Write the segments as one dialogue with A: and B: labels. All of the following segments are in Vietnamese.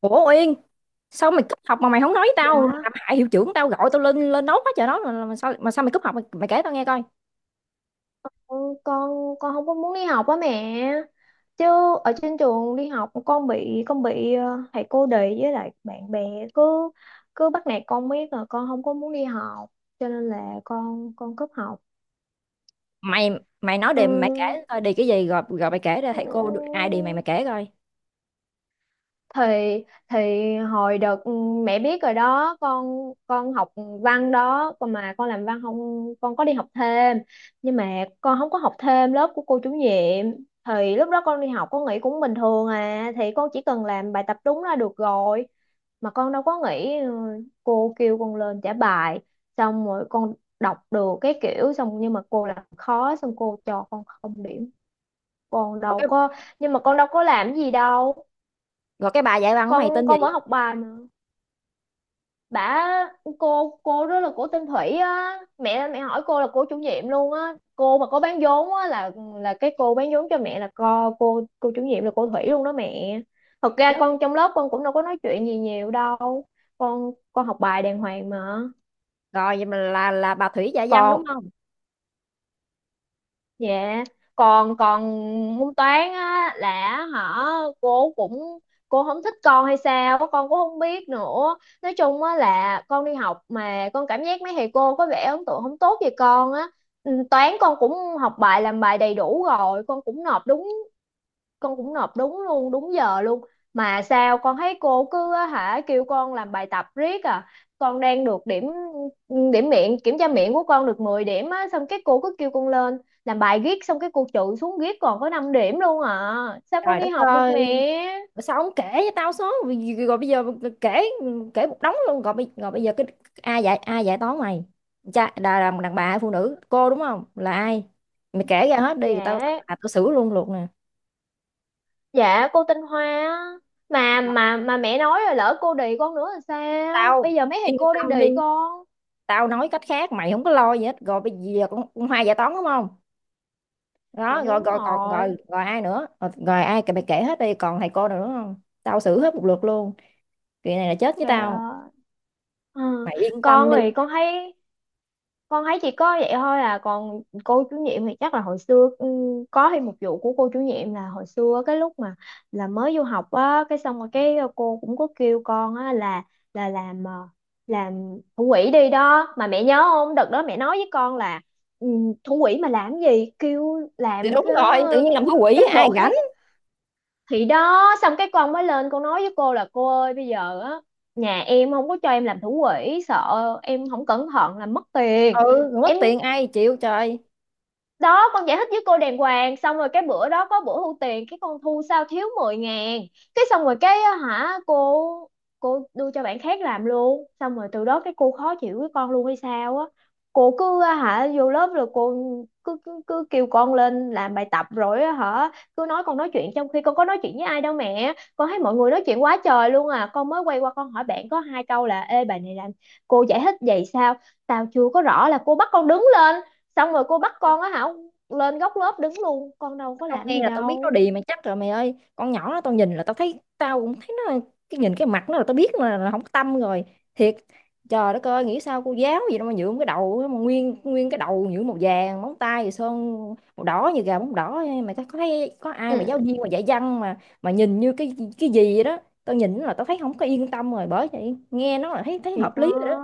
A: Ủa Uyên, sao mày cúp học mà mày không nói với tao?
B: Dạ,
A: Làm hại hiệu trưởng tao gọi tao lên lên nốt hết trời đó, mà sao mày cúp học mày, mày kể tao nghe coi.
B: ừ, con con không có muốn đi học á mẹ. Chứ ở trên trường đi học con bị thầy cô đì với lại bạn bè cứ cứ bắt nạt con biết là con không có muốn đi học cho nên là con cúp học.
A: Mày mày nói đi, mày kể
B: Ừ,
A: coi đề cái gì, rồi rồi mày kể ra thầy cô
B: ừ.
A: ai đi, mày mày kể coi.
B: thì thì hồi đợt mẹ biết rồi đó con học văn đó, còn mà con làm văn không, con có đi học thêm nhưng mà con không có học thêm lớp của cô chủ nhiệm, thì lúc đó con đi học con nghĩ cũng bình thường à, thì con chỉ cần làm bài tập đúng là được rồi mà con đâu có nghĩ cô kêu con lên trả bài, xong rồi con đọc được cái kiểu xong nhưng mà cô làm khó xong cô cho con không điểm. Con
A: Rồi
B: đâu
A: cái
B: có Nhưng mà con đâu có làm gì đâu,
A: rồi bà dạy văn của mày
B: con
A: tên gì?
B: con vẫn học bài mà. Bà cô cô đó là cổ tên Thủy á mẹ, mẹ hỏi cô là cô chủ nhiệm luôn á, cô mà có bán vốn á là cái cô bán vốn cho mẹ là co cô chủ nhiệm là cô Thủy luôn đó mẹ. Thật ra
A: Chết
B: con trong lớp con cũng đâu có nói chuyện gì nhiều đâu, con học bài đàng hoàng mà.
A: rồi, vậy mà là bà Thủy dạy văn đúng
B: Còn,
A: không?
B: Dạ, còn còn môn toán á là hả, cô cũng cô không thích con hay sao á, con cũng không biết nữa. Nói chung á là con đi học mà con cảm giác mấy thầy cô có vẻ ấn tượng không tốt về con á. Ừ, Toán con cũng học bài làm bài đầy đủ rồi, con cũng nộp đúng luôn đúng giờ luôn, mà sao con thấy cô cứ á hả kêu con làm bài tập riết à, con đang được điểm điểm miệng, kiểm tra miệng của con được 10 điểm á, xong cái cô cứ kêu con lên làm bài riết, xong cái cô trừ xuống riết còn có 5 điểm luôn à, sao con
A: Trời
B: đi
A: đất
B: học được
A: ơi,
B: mẹ.
A: sao ông kể cho tao số rồi? Rồi bây giờ kể kể một đống luôn rồi. Bây giờ cái, ai dạy toán mày? Cha là một đàn bà hay phụ nữ, cô đúng không, là ai? Mày kể ra hết đi, tao
B: Dạ
A: tao, tao xử luôn luôn nè.
B: dạ, cô tinh Hoa á. Mà mẹ nói rồi, lỡ cô đì con nữa là sao,
A: Tao
B: bây giờ mấy thầy
A: yên
B: cô đang
A: tâm đi,
B: đì con.
A: tao nói cách khác mày không có lo gì hết. Rồi bây giờ con hai dạy toán đúng không?
B: Dạ
A: Đó, rồi,
B: đúng
A: rồi còn rồi
B: rồi.
A: rồi ai nữa? Rồi ai, mày kể hết đi, còn thầy cô nào nữa không? Tao xử hết một lượt luôn. Chuyện này là chết với
B: Trời
A: tao.
B: ơi. Ừ.
A: Mày yên tâm
B: Con
A: đi.
B: thì con thấy chỉ có vậy thôi à, còn cô chủ nhiệm thì chắc là hồi xưa có thêm một vụ của cô chủ nhiệm là hồi xưa cái lúc mà là mới vô học á, cái xong rồi cái cô cũng có kêu con á là làm làm thủ quỹ đi đó mà, mẹ nhớ không, đợt đó mẹ nói với con là ừ, thủ quỹ mà làm cái gì, kêu
A: Thì
B: làm
A: đúng
B: cái
A: rồi, tự nhiên làm cái quỷ
B: cán
A: ai
B: bộ
A: rảnh.
B: khác, thì đó xong cái con mới lên con nói với cô là cô ơi bây giờ á, nhà em không có cho em làm thủ quỹ, sợ em không cẩn thận là mất tiền
A: Ừ, người mất
B: em.
A: tiền ai chịu trời.
B: Đó con giải thích với cô đàng hoàng, xong rồi cái bữa đó có bữa thu tiền, cái con thu sao thiếu 10.000, cái xong rồi cái á hả cô đưa cho bạn khác làm luôn, xong rồi từ đó cái cô khó chịu với con luôn hay sao á, cô cứ á hả vô lớp rồi cô cứ cứ, cứ kêu con lên làm bài tập, rồi á hả cứ nói con nói chuyện trong khi con có nói chuyện với ai đâu mẹ, con thấy mọi người nói chuyện quá trời luôn à, con mới quay qua con hỏi bạn có hai câu là ê bài này làm cô giải thích vậy sao tao chưa có rõ, là cô bắt con đứng lên, xong rồi cô bắt con á hả lên góc lớp đứng luôn, con đâu có
A: Tao
B: làm
A: nghe
B: gì
A: là tao biết nó
B: đâu.
A: đì mà, chắc rồi mày ơi. Con nhỏ nó, tao nhìn là tao thấy, tao cũng thấy nó, cái nhìn cái mặt nó là tao biết là không có tâm rồi. Thiệt. Trời đất ơi, nghĩ sao cô giáo gì đâu mà nhuộm cái đầu á, mà nguyên nguyên cái đầu nhuộm màu vàng, móng tay thì sơn màu đỏ như gà móng đỏ. Mày có thấy có ai mà giáo
B: Ừ
A: viên mà dạy văn mà nhìn như cái gì vậy đó? Tao nhìn là tao thấy không có yên tâm rồi, bởi vậy nghe nó là thấy thấy
B: thì
A: hợp
B: đó,
A: lý rồi đó.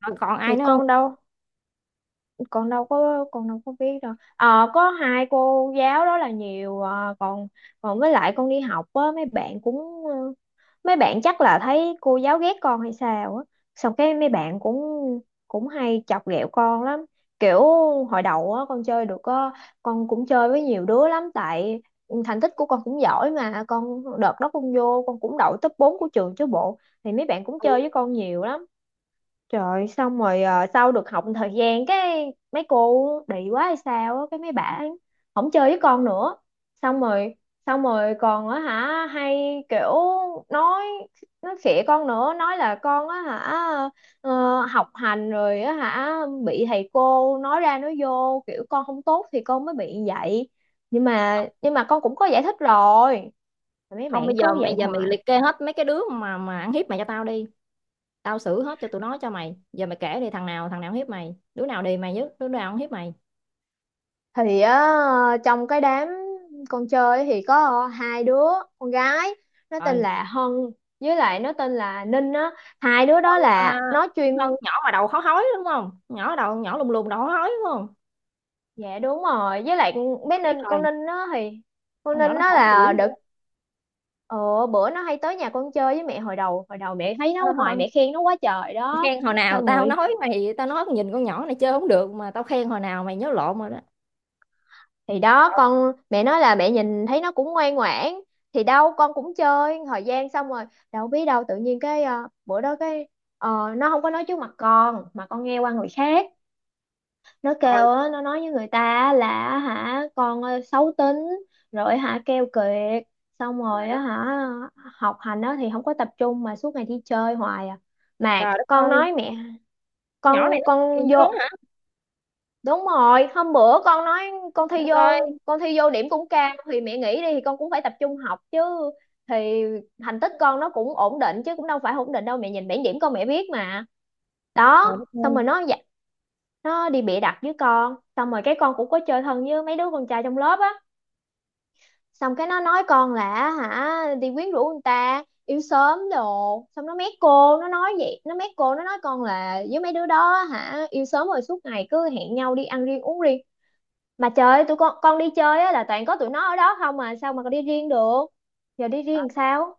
A: Rồi còn ai
B: thì
A: nữa không?
B: con đâu có biết đâu, có hai cô giáo đó là nhiều à, còn còn với lại con đi học á mấy bạn cũng mấy bạn chắc là thấy cô giáo ghét con hay sao á, xong cái mấy bạn cũng cũng hay chọc ghẹo con lắm, kiểu hồi đầu á con cũng chơi với nhiều đứa lắm, tại thành tích của con cũng giỏi mà, con đợt đó con vô con cũng đậu top 4 của trường chứ bộ, thì mấy bạn cũng
A: Ừ,
B: chơi với con nhiều lắm. Trời ơi, xong rồi sau được học một thời gian cái mấy cô đị quá hay sao á, cái mấy bả không chơi với con nữa. Xong rồi xong rồi còn á hả hay kiểu nói nói khịa con nữa, nói là con á hả ờ, học hành rồi á hả bị thầy cô nói ra nói vô, kiểu con không tốt thì con mới bị vậy. Nhưng mà con cũng có giải thích rồi. Mấy
A: không,
B: bạn
A: bây giờ
B: cứ
A: bây
B: vậy
A: giờ mày
B: hoài.
A: liệt kê hết mấy cái đứa mà ăn hiếp mày cho tao đi. Tao xử hết cho tụi nó cho mày. Giờ mày kể đi, thằng nào hiếp mày, đứa nào đì mày nhất, đứa nào không hiếp mày.
B: Thì á, trong cái đám con chơi ấy thì có hai đứa con gái, nó tên
A: Rồi.
B: là Hân với lại nó tên là Ninh á, hai đứa đó
A: À,
B: là nó chuyên.
A: con nhỏ mà đầu khó hói đúng không? Nhỏ đầu, nhỏ lùn lùn đầu khó hói đúng không?
B: Dạ đúng rồi, với lại bé
A: Rồi biết
B: Ninh,
A: rồi.
B: con
A: Con nhỏ
B: Ninh
A: nó
B: nó
A: khổ dữ
B: là đợt
A: vậy.
B: ờ, bữa nó hay tới nhà con chơi với mẹ, hồi đầu mẹ thấy nó
A: Ờ,
B: hoài mẹ khen nó quá trời đó.
A: khen hồi nào?
B: Xong
A: Tao
B: rồi
A: nói mày, tao nói nhìn con nhỏ này chơi không được, mà tao khen hồi nào, mày nhớ lộn rồi đó.
B: thì đó mẹ nói là mẹ nhìn thấy nó cũng ngoan ngoãn, thì đâu con cũng chơi thời gian, xong rồi đâu biết đâu tự nhiên cái bữa đó cái ờ, nó không có nói trước mặt con mà con nghe qua người khác, nó
A: Trời ơi,
B: kêu á, nó nói với người ta á là á hả con xấu tính rồi hả keo kiệt, xong
A: trời
B: rồi á
A: đất,
B: hả học hành á thì không có tập trung mà suốt ngày đi chơi hoài à. Mà
A: trời đất
B: con
A: ơi.
B: nói mẹ,
A: Con nhỏ này nó kỳ
B: con
A: dữ luôn
B: vô
A: hả?
B: đúng rồi hôm bữa con nói con
A: Để
B: thi vô
A: coi.
B: con thi vô điểm cũng cao, thì mẹ nghĩ đi thì con cũng phải tập trung học chứ, thì thành tích con nó cũng ổn định chứ, cũng đâu phải ổn định đâu, mẹ nhìn bảng điểm con mẹ biết mà
A: Trời
B: đó.
A: đất
B: Xong
A: ơi.
B: rồi nó đi bịa đặt với con, xong rồi cái con cũng có chơi thân với mấy đứa con trai trong lớp á, xong cái nó nói con là hả đi quyến rũ người ta yêu sớm đồ, xong nó mét cô, nó nói vậy, nó mét cô nó nói con là với mấy đứa đó hả yêu sớm rồi suốt ngày cứ hẹn nhau đi ăn riêng uống riêng. Mà trời ơi, tụi con đi chơi á là toàn có tụi nó ở đó không à, sao mà con đi riêng được, giờ đi riêng sao.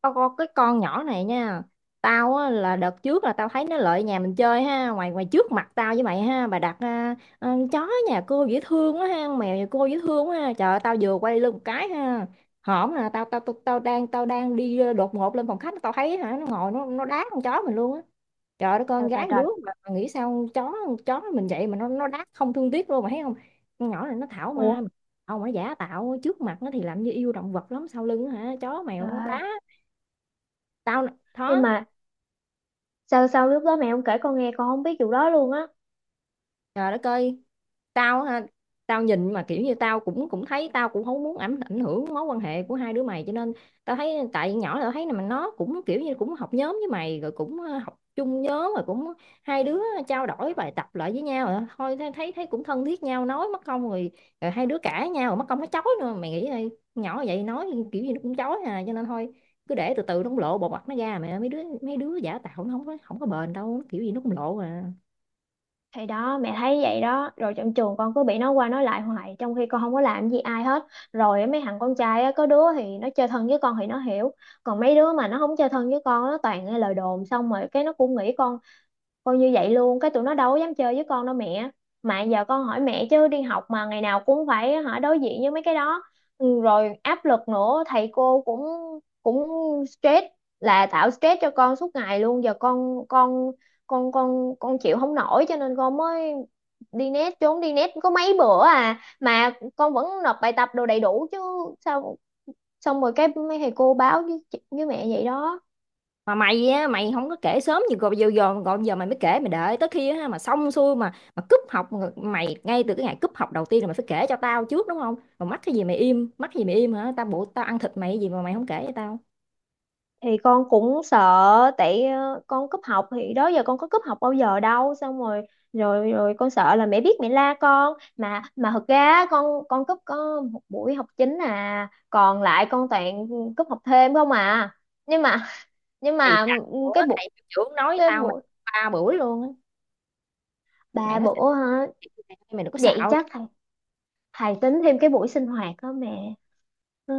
A: Tao có cái con nhỏ này nha. Tao á, là đợt trước là tao thấy nó lại nhà mình chơi ha. Ngoài ngoài trước mặt tao với mày ha, bà đặt à, chó nhà cô dễ thương quá ha, mèo nhà cô dễ thương quá ha. Trời ơi, tao vừa quay lưng một cái ha. Hổm nè tao, tao tao tao đang đi, đột ngột lên phòng khách. Tao thấy hả, nó ngồi nó đá con chó mình luôn á. Trời ơi, con
B: Trời trời
A: gái
B: trời.
A: đứa mà nghĩ sao, chó chó mình vậy mà nó đá không thương tiếc luôn, mà thấy không? Con nhỏ này nó thảo
B: Ủa
A: ma, ông ấy giả tạo, trước mặt nó thì làm như yêu động vật lắm, sau lưng hả, chó mèo
B: trời
A: nó
B: ơi,
A: đá. Tao
B: nhưng
A: nó.
B: mà sao sao lúc đó mẹ không kể con nghe, con không biết vụ đó luôn á.
A: Trời đất ơi. Tao ha, tao nhìn mà kiểu như tao cũng cũng thấy, tao cũng không muốn ảnh ảnh hưởng mối quan hệ của hai đứa mày, cho nên tao thấy tại nhỏ là tao thấy là mà nó cũng kiểu như cũng học nhóm với mày, rồi cũng học chung nhóm, rồi cũng hai đứa trao đổi bài tập lại với nhau, rồi thôi, thấy thấy thấy cũng thân thiết nhau, nói mất công, rồi rồi hai đứa cãi nhau rồi mất công nó chói nữa, mày nghĩ coi, nhỏ vậy nói kiểu gì nó cũng chói à, cho nên thôi cứ để từ từ nó cũng lộ bộ mặt nó ra mẹ. Mấy đứa giả tạo nó không có bền đâu, nó kiểu gì nó cũng lộ à.
B: Thì đó mẹ thấy vậy đó, rồi trong trường con cứ bị nói qua nói lại hoài trong khi con không có làm gì ai hết, rồi á, mấy thằng con trai á có đứa thì nó chơi thân với con thì nó hiểu, còn mấy đứa mà nó không chơi thân với con nó toàn nghe lời đồn, xong rồi cái nó cũng nghĩ con coi như vậy luôn, cái tụi nó đâu có dám chơi với con đâu mẹ. Mà giờ con hỏi mẹ chứ đi học mà ngày nào cũng phải hả đối diện với mấy cái đó. Ừ, rồi áp lực nữa, thầy cô cũng cũng stress, là tạo stress cho con suốt ngày luôn. Giờ con chịu không nổi cho nên con mới đi net, trốn đi net có mấy bữa à, mà con vẫn nộp bài tập đồ đầy đủ chứ sao, xong rồi cái mấy thầy cô báo với với mẹ vậy đó.
A: Mà mày á, mày không có kể sớm gì, còn giờ giờ còn giờ mày mới kể, mày đợi tới khi á, mà xong xuôi mà cúp học mày. Ngay từ cái ngày cúp học đầu tiên là mày phải kể cho tao trước đúng không? Mà mắc cái gì mày im, mắc cái gì mày im hả, tao bộ tao ăn thịt mày, cái gì mà mày không kể cho tao?
B: Thì con cũng sợ tại con cúp học, thì đó giờ con có cúp học bao giờ đâu, xong rồi rồi rồi con sợ là mẹ biết mẹ la con, mà thật ra á, con cúp có một buổi học chính à, còn lại con toàn cúp học thêm không à. nhưng mà nhưng
A: Thầy
B: mà
A: đặt bữa,
B: cái buổi,
A: thầy hiệu trưởng nói
B: cái
A: tao mày
B: buổi
A: ba buổi luôn á. Mày
B: ba
A: nói,
B: bữa hả?
A: mày đừng có
B: Vậy
A: xạo.
B: chắc thầy thầy tính thêm cái buổi sinh hoạt đó mẹ. Ờ.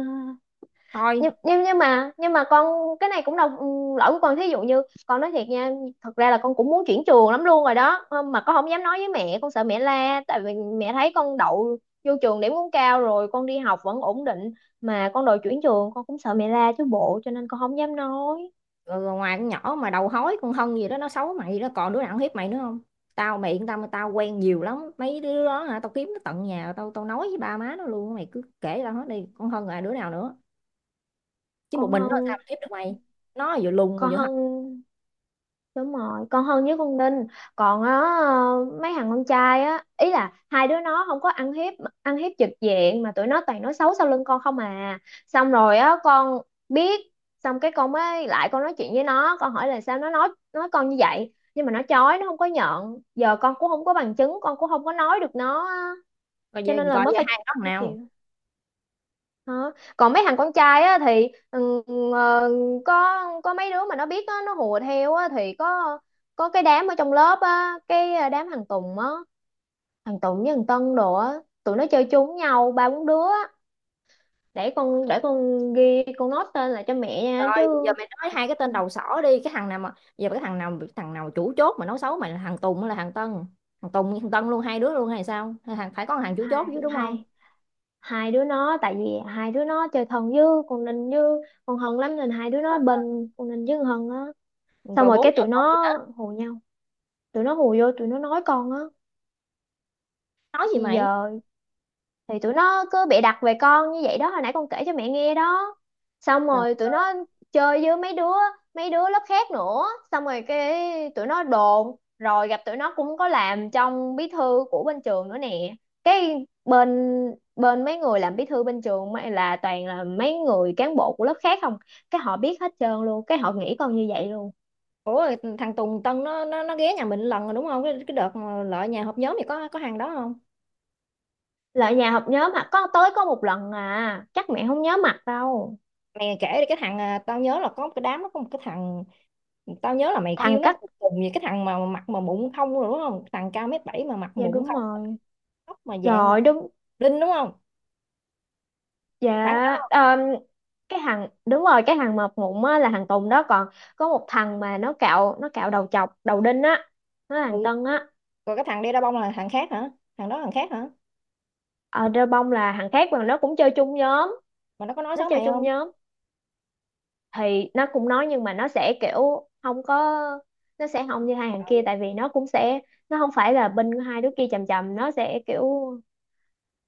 A: Thôi.
B: Nhưng mà con cái này cũng đâu lỗi của con, thí dụ như con nói thiệt nha, thật ra là con cũng muốn chuyển trường lắm luôn rồi đó. Mà con không dám nói với mẹ, con sợ mẹ la tại vì mẹ thấy con đậu vô trường điểm cũng cao rồi, con đi học vẫn ổn định mà con đòi chuyển trường, con cũng sợ mẹ la chứ bộ, cho nên con không dám nói.
A: Rồi ngoài con nhỏ mà đầu hói con Hân gì đó nó xấu mày đó, còn đứa nào nó hiếp mày nữa không? Tao, mày yên tâm, tao quen nhiều lắm mấy đứa đó hả, tao kiếm nó tận nhà, tao tao nói với ba má nó luôn. Mày cứ kể tao hết đi, con Hân là đứa nào nữa? Chứ một
B: con
A: mình nó sao
B: hân
A: mà hiếp được mày, nó vừa lùn mà
B: con
A: vừa hân.
B: hân Đúng rồi, con Hân với con Đinh. Còn á, mấy thằng con trai á, ý là hai đứa nó không có ăn hiếp, ăn hiếp trực diện mà tụi nó toàn nói xấu sau lưng con không à. Xong rồi á con biết, xong cái con mới lại con nói chuyện với nó, con hỏi là sao nó nói con như vậy, nhưng mà nó chối, nó không có nhận. Giờ con cũng không có bằng chứng, con cũng không có nói được nó á.
A: coi
B: Cho
A: giờ
B: nên là
A: coi
B: mới
A: giờ
B: phải,
A: hai nó thằng
B: phải
A: nào?
B: chịu. Đó. Còn mấy thằng con trai á thì ờ, có có mấy đứa mà nó biết á, nó hùa theo á thì có cái đám ở trong lớp á, đám thằng Tùng á, thằng Tùng với thằng Tân đồ á, tụi nó chơi chung với nhau ba bốn đứa á. Để con ghi con nốt tên lại cho mẹ nha
A: Coi bây giờ
B: chứ.
A: mày nói hai cái tên đầu sỏ đi, cái thằng nào mà giờ, cái thằng nào chủ chốt mà nói xấu mày, là thằng Tùng hay là thằng Tân? Thằng Tùng với thằng Tân luôn, hai đứa luôn hay sao? Hay thằng, phải có thằng chủ
B: hai
A: chốt chứ đúng không?
B: hai hai đứa nó, tại vì hai đứa nó chơi thân với con Ninh với con Hân lắm nên hai đứa
A: Ờ.
B: nó bên con Ninh với con Hân á. Xong
A: Rồi
B: rồi
A: bốn
B: cái
A: vợ
B: tụi
A: một gì
B: nó
A: nữa?
B: hù nhau, tụi nó hù vô, tụi nó nói con á.
A: Nói gì
B: Thì
A: mày?
B: giờ thì tụi nó cứ bịa đặt về con như vậy đó, hồi nãy con kể cho mẹ nghe đó, xong rồi tụi nó chơi với mấy đứa lớp khác nữa, xong rồi cái tụi nó đồn, rồi gặp tụi nó cũng có làm trong bí thư của bên trường nữa nè, cái bên bên mấy người làm bí thư bên trường, là toàn là mấy người cán bộ của lớp khác không, cái họ biết hết trơn luôn, cái họ nghĩ con như vậy luôn.
A: Ủa, thằng Tùng Tân nó ghé nhà mình lần rồi đúng không? Cái đợt mà lợi nhà họp nhóm thì có hàng đó không?
B: Là nhà họp nhóm mà có tới có một lần à, chắc mẹ không nhớ mặt đâu.
A: Mày kể đi cái thằng, à, tao nhớ là có một cái đám nó có một cái thằng, tao nhớ là mày kêu
B: Thằng
A: nó
B: cắt,
A: cùng cùng gì, cái thằng mà mặt mà mụn không rồi đúng không, thằng cao mét bảy mà mặt
B: dạ
A: mụn
B: đúng
A: không?
B: rồi,
A: Tóc mà dạng mà
B: rồi đúng.
A: linh đúng không,
B: Dạ,
A: phải thằng đó?
B: cái thằng đúng rồi, cái thằng mập mụn á là thằng Tùng đó, còn có một thằng mà nó cạo đầu, chọc đầu đinh á, nó là thằng
A: Ừ.
B: Tân á.
A: Còn cái thằng đeo đa bông là thằng khác hả? Thằng đó thằng khác hả?
B: Ở Rêu Bông là thằng khác mà nó cũng chơi chung nhóm,
A: Mà nó có nói
B: nó
A: xấu
B: chơi
A: mày
B: chung
A: không?
B: nhóm thì nó cũng nói, nhưng mà nó sẽ kiểu không có, nó sẽ không như hai thằng kia, tại vì nó cũng sẽ, nó không phải là bên hai đứa kia chầm chầm, nó sẽ kiểu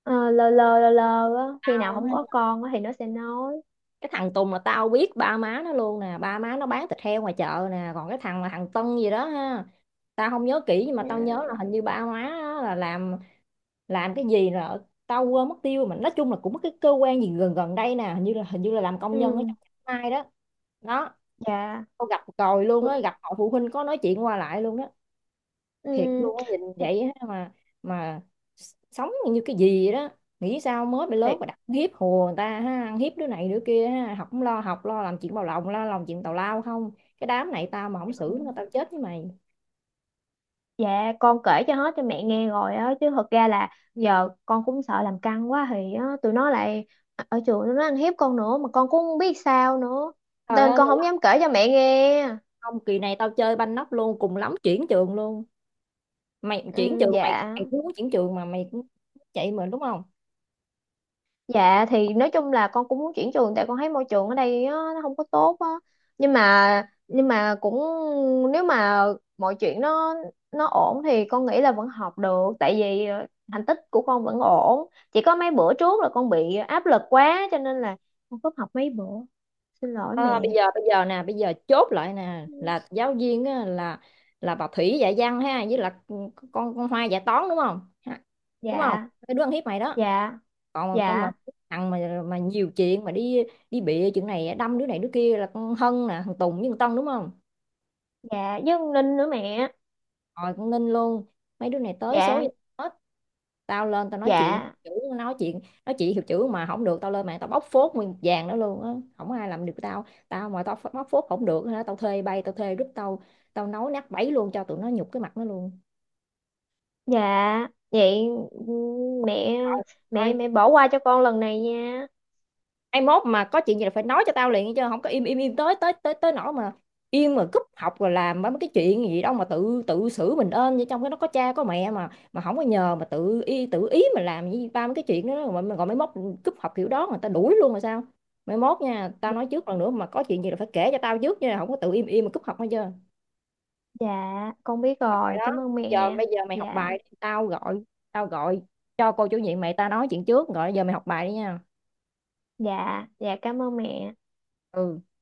B: ờ, lơ lơ á, khi nào không có
A: Không.
B: con á thì nó sẽ nói.
A: Cái thằng Tùng là tao biết ba má nó luôn nè, ba má nó bán thịt heo ngoài chợ nè. Còn cái thằng mà thằng Tân gì đó ha, tao không nhớ kỹ nhưng mà tao
B: Ừ,
A: nhớ là hình như ba má á là làm cái gì rồi tao quên mất tiêu, mà nói chung là cũng có cái cơ quan gì gần gần đây nè, hình như là làm công nhân ở
B: ừ,
A: trong mai đó đó.
B: dạ.
A: Tao gặp rồi
B: Ừ,
A: luôn á, gặp họ phụ huynh có nói chuyện qua lại luôn đó.
B: ừ.
A: Thiệt luôn á, nhìn
B: thì,
A: vậy á mà, mà sống như cái gì vậy đó. Nghĩ sao mới bị
B: thì
A: lớn mà đặt hiếp hùa người ta ha, ăn hiếp đứa này đứa kia ha, học không lo học, lo làm chuyện bào lộng, lo làm chuyện tào lao không. Cái đám này tao mà không xử nó
B: Ừ.
A: tao chết với mày.
B: Dạ con kể cho hết cho mẹ nghe rồi á, chứ thật ra là giờ con cũng sợ làm căng quá thì á, tụi nó lại ở trường tụi nó ăn hiếp con nữa mà con cũng không biết sao nữa,
A: Trời
B: nên
A: ơi
B: con
A: mày
B: không
A: lo.
B: dám kể cho mẹ nghe.
A: Không, kỳ này tao chơi banh nóc luôn, cùng lắm chuyển trường luôn. Mày chuyển
B: Ừ,
A: trường, mày
B: dạ.
A: mày cũng muốn chuyển trường mà mày cũng chạy mình đúng không?
B: Dạ thì nói chung là con cũng muốn chuyển trường, tại con thấy môi trường ở đây á, nó không có tốt á. Nhưng mà nhưng mà cũng, nếu mà mọi chuyện nó ổn thì con nghĩ là vẫn học được, tại vì thành tích của con vẫn ổn. Chỉ có mấy bữa trước là con bị áp lực quá cho nên là con cúp học mấy bữa. Xin lỗi
A: Ờ,
B: mẹ.
A: bây giờ nè bây giờ chốt lại nè, là giáo viên á, là bà Thủy dạy văn ha, với là con Hoa dạy toán đúng không? Ha, đúng không,
B: Dạ,
A: cái đứa ăn hiếp mày đó.
B: dạ,
A: Còn con mà
B: dạ,
A: thằng mà nhiều chuyện mà đi đi bịa chuyện này đâm đứa này đứa kia là con Hân nè, thằng Tùng với thằng Tân đúng không?
B: dạ với con Linh nữa mẹ.
A: Rồi con Ninh luôn. Mấy đứa này tới số
B: Dạ,
A: với hết. Tao lên tao nói chuyện
B: dạ,
A: chữ, nói chuyện nói chuyện hiệu chữ mà không được, tao lên mạng tao bóc phốt nguyên một vàng đó luôn á. Không ai làm được tao, tao mà tao bóc phốt không được hả, tao thuê bay, tao thuê group, tao tao nấu nát bấy luôn cho tụi nó nhục cái mặt nó luôn.
B: dạ. Vậy ừ, mẹ mẹ
A: Thôi,
B: mẹ bỏ qua cho con lần này nha.
A: ai mốt mà có chuyện gì là phải nói cho tao liền, chứ không có im im im tới tới tới tới nỗi mà im mà cúp học rồi làm mấy cái chuyện gì đâu mà tự tự xử mình ơn như trong cái nó, có cha có mẹ mà không có nhờ mà tự ý mà làm như ba mấy cái chuyện đó mà gọi mấy mốt cúp học kiểu đó mà tao đuổi luôn rồi sao? Mấy mốt nha, tao
B: Dạ,
A: nói trước, lần nữa mà có chuyện gì là phải kể cho tao trước nha, không có tự im im mà cúp học. Hết chưa?
B: dạ, con biết
A: Rồi
B: rồi,
A: đó,
B: cảm ơn
A: bây giờ
B: mẹ.
A: mày học
B: Dạ,
A: bài đi, tao gọi cho cô chủ nhiệm mày, tao nói chuyện trước rồi, giờ mày học bài đi nha.
B: dạ, dạ cảm ơn mẹ.
A: Ừ.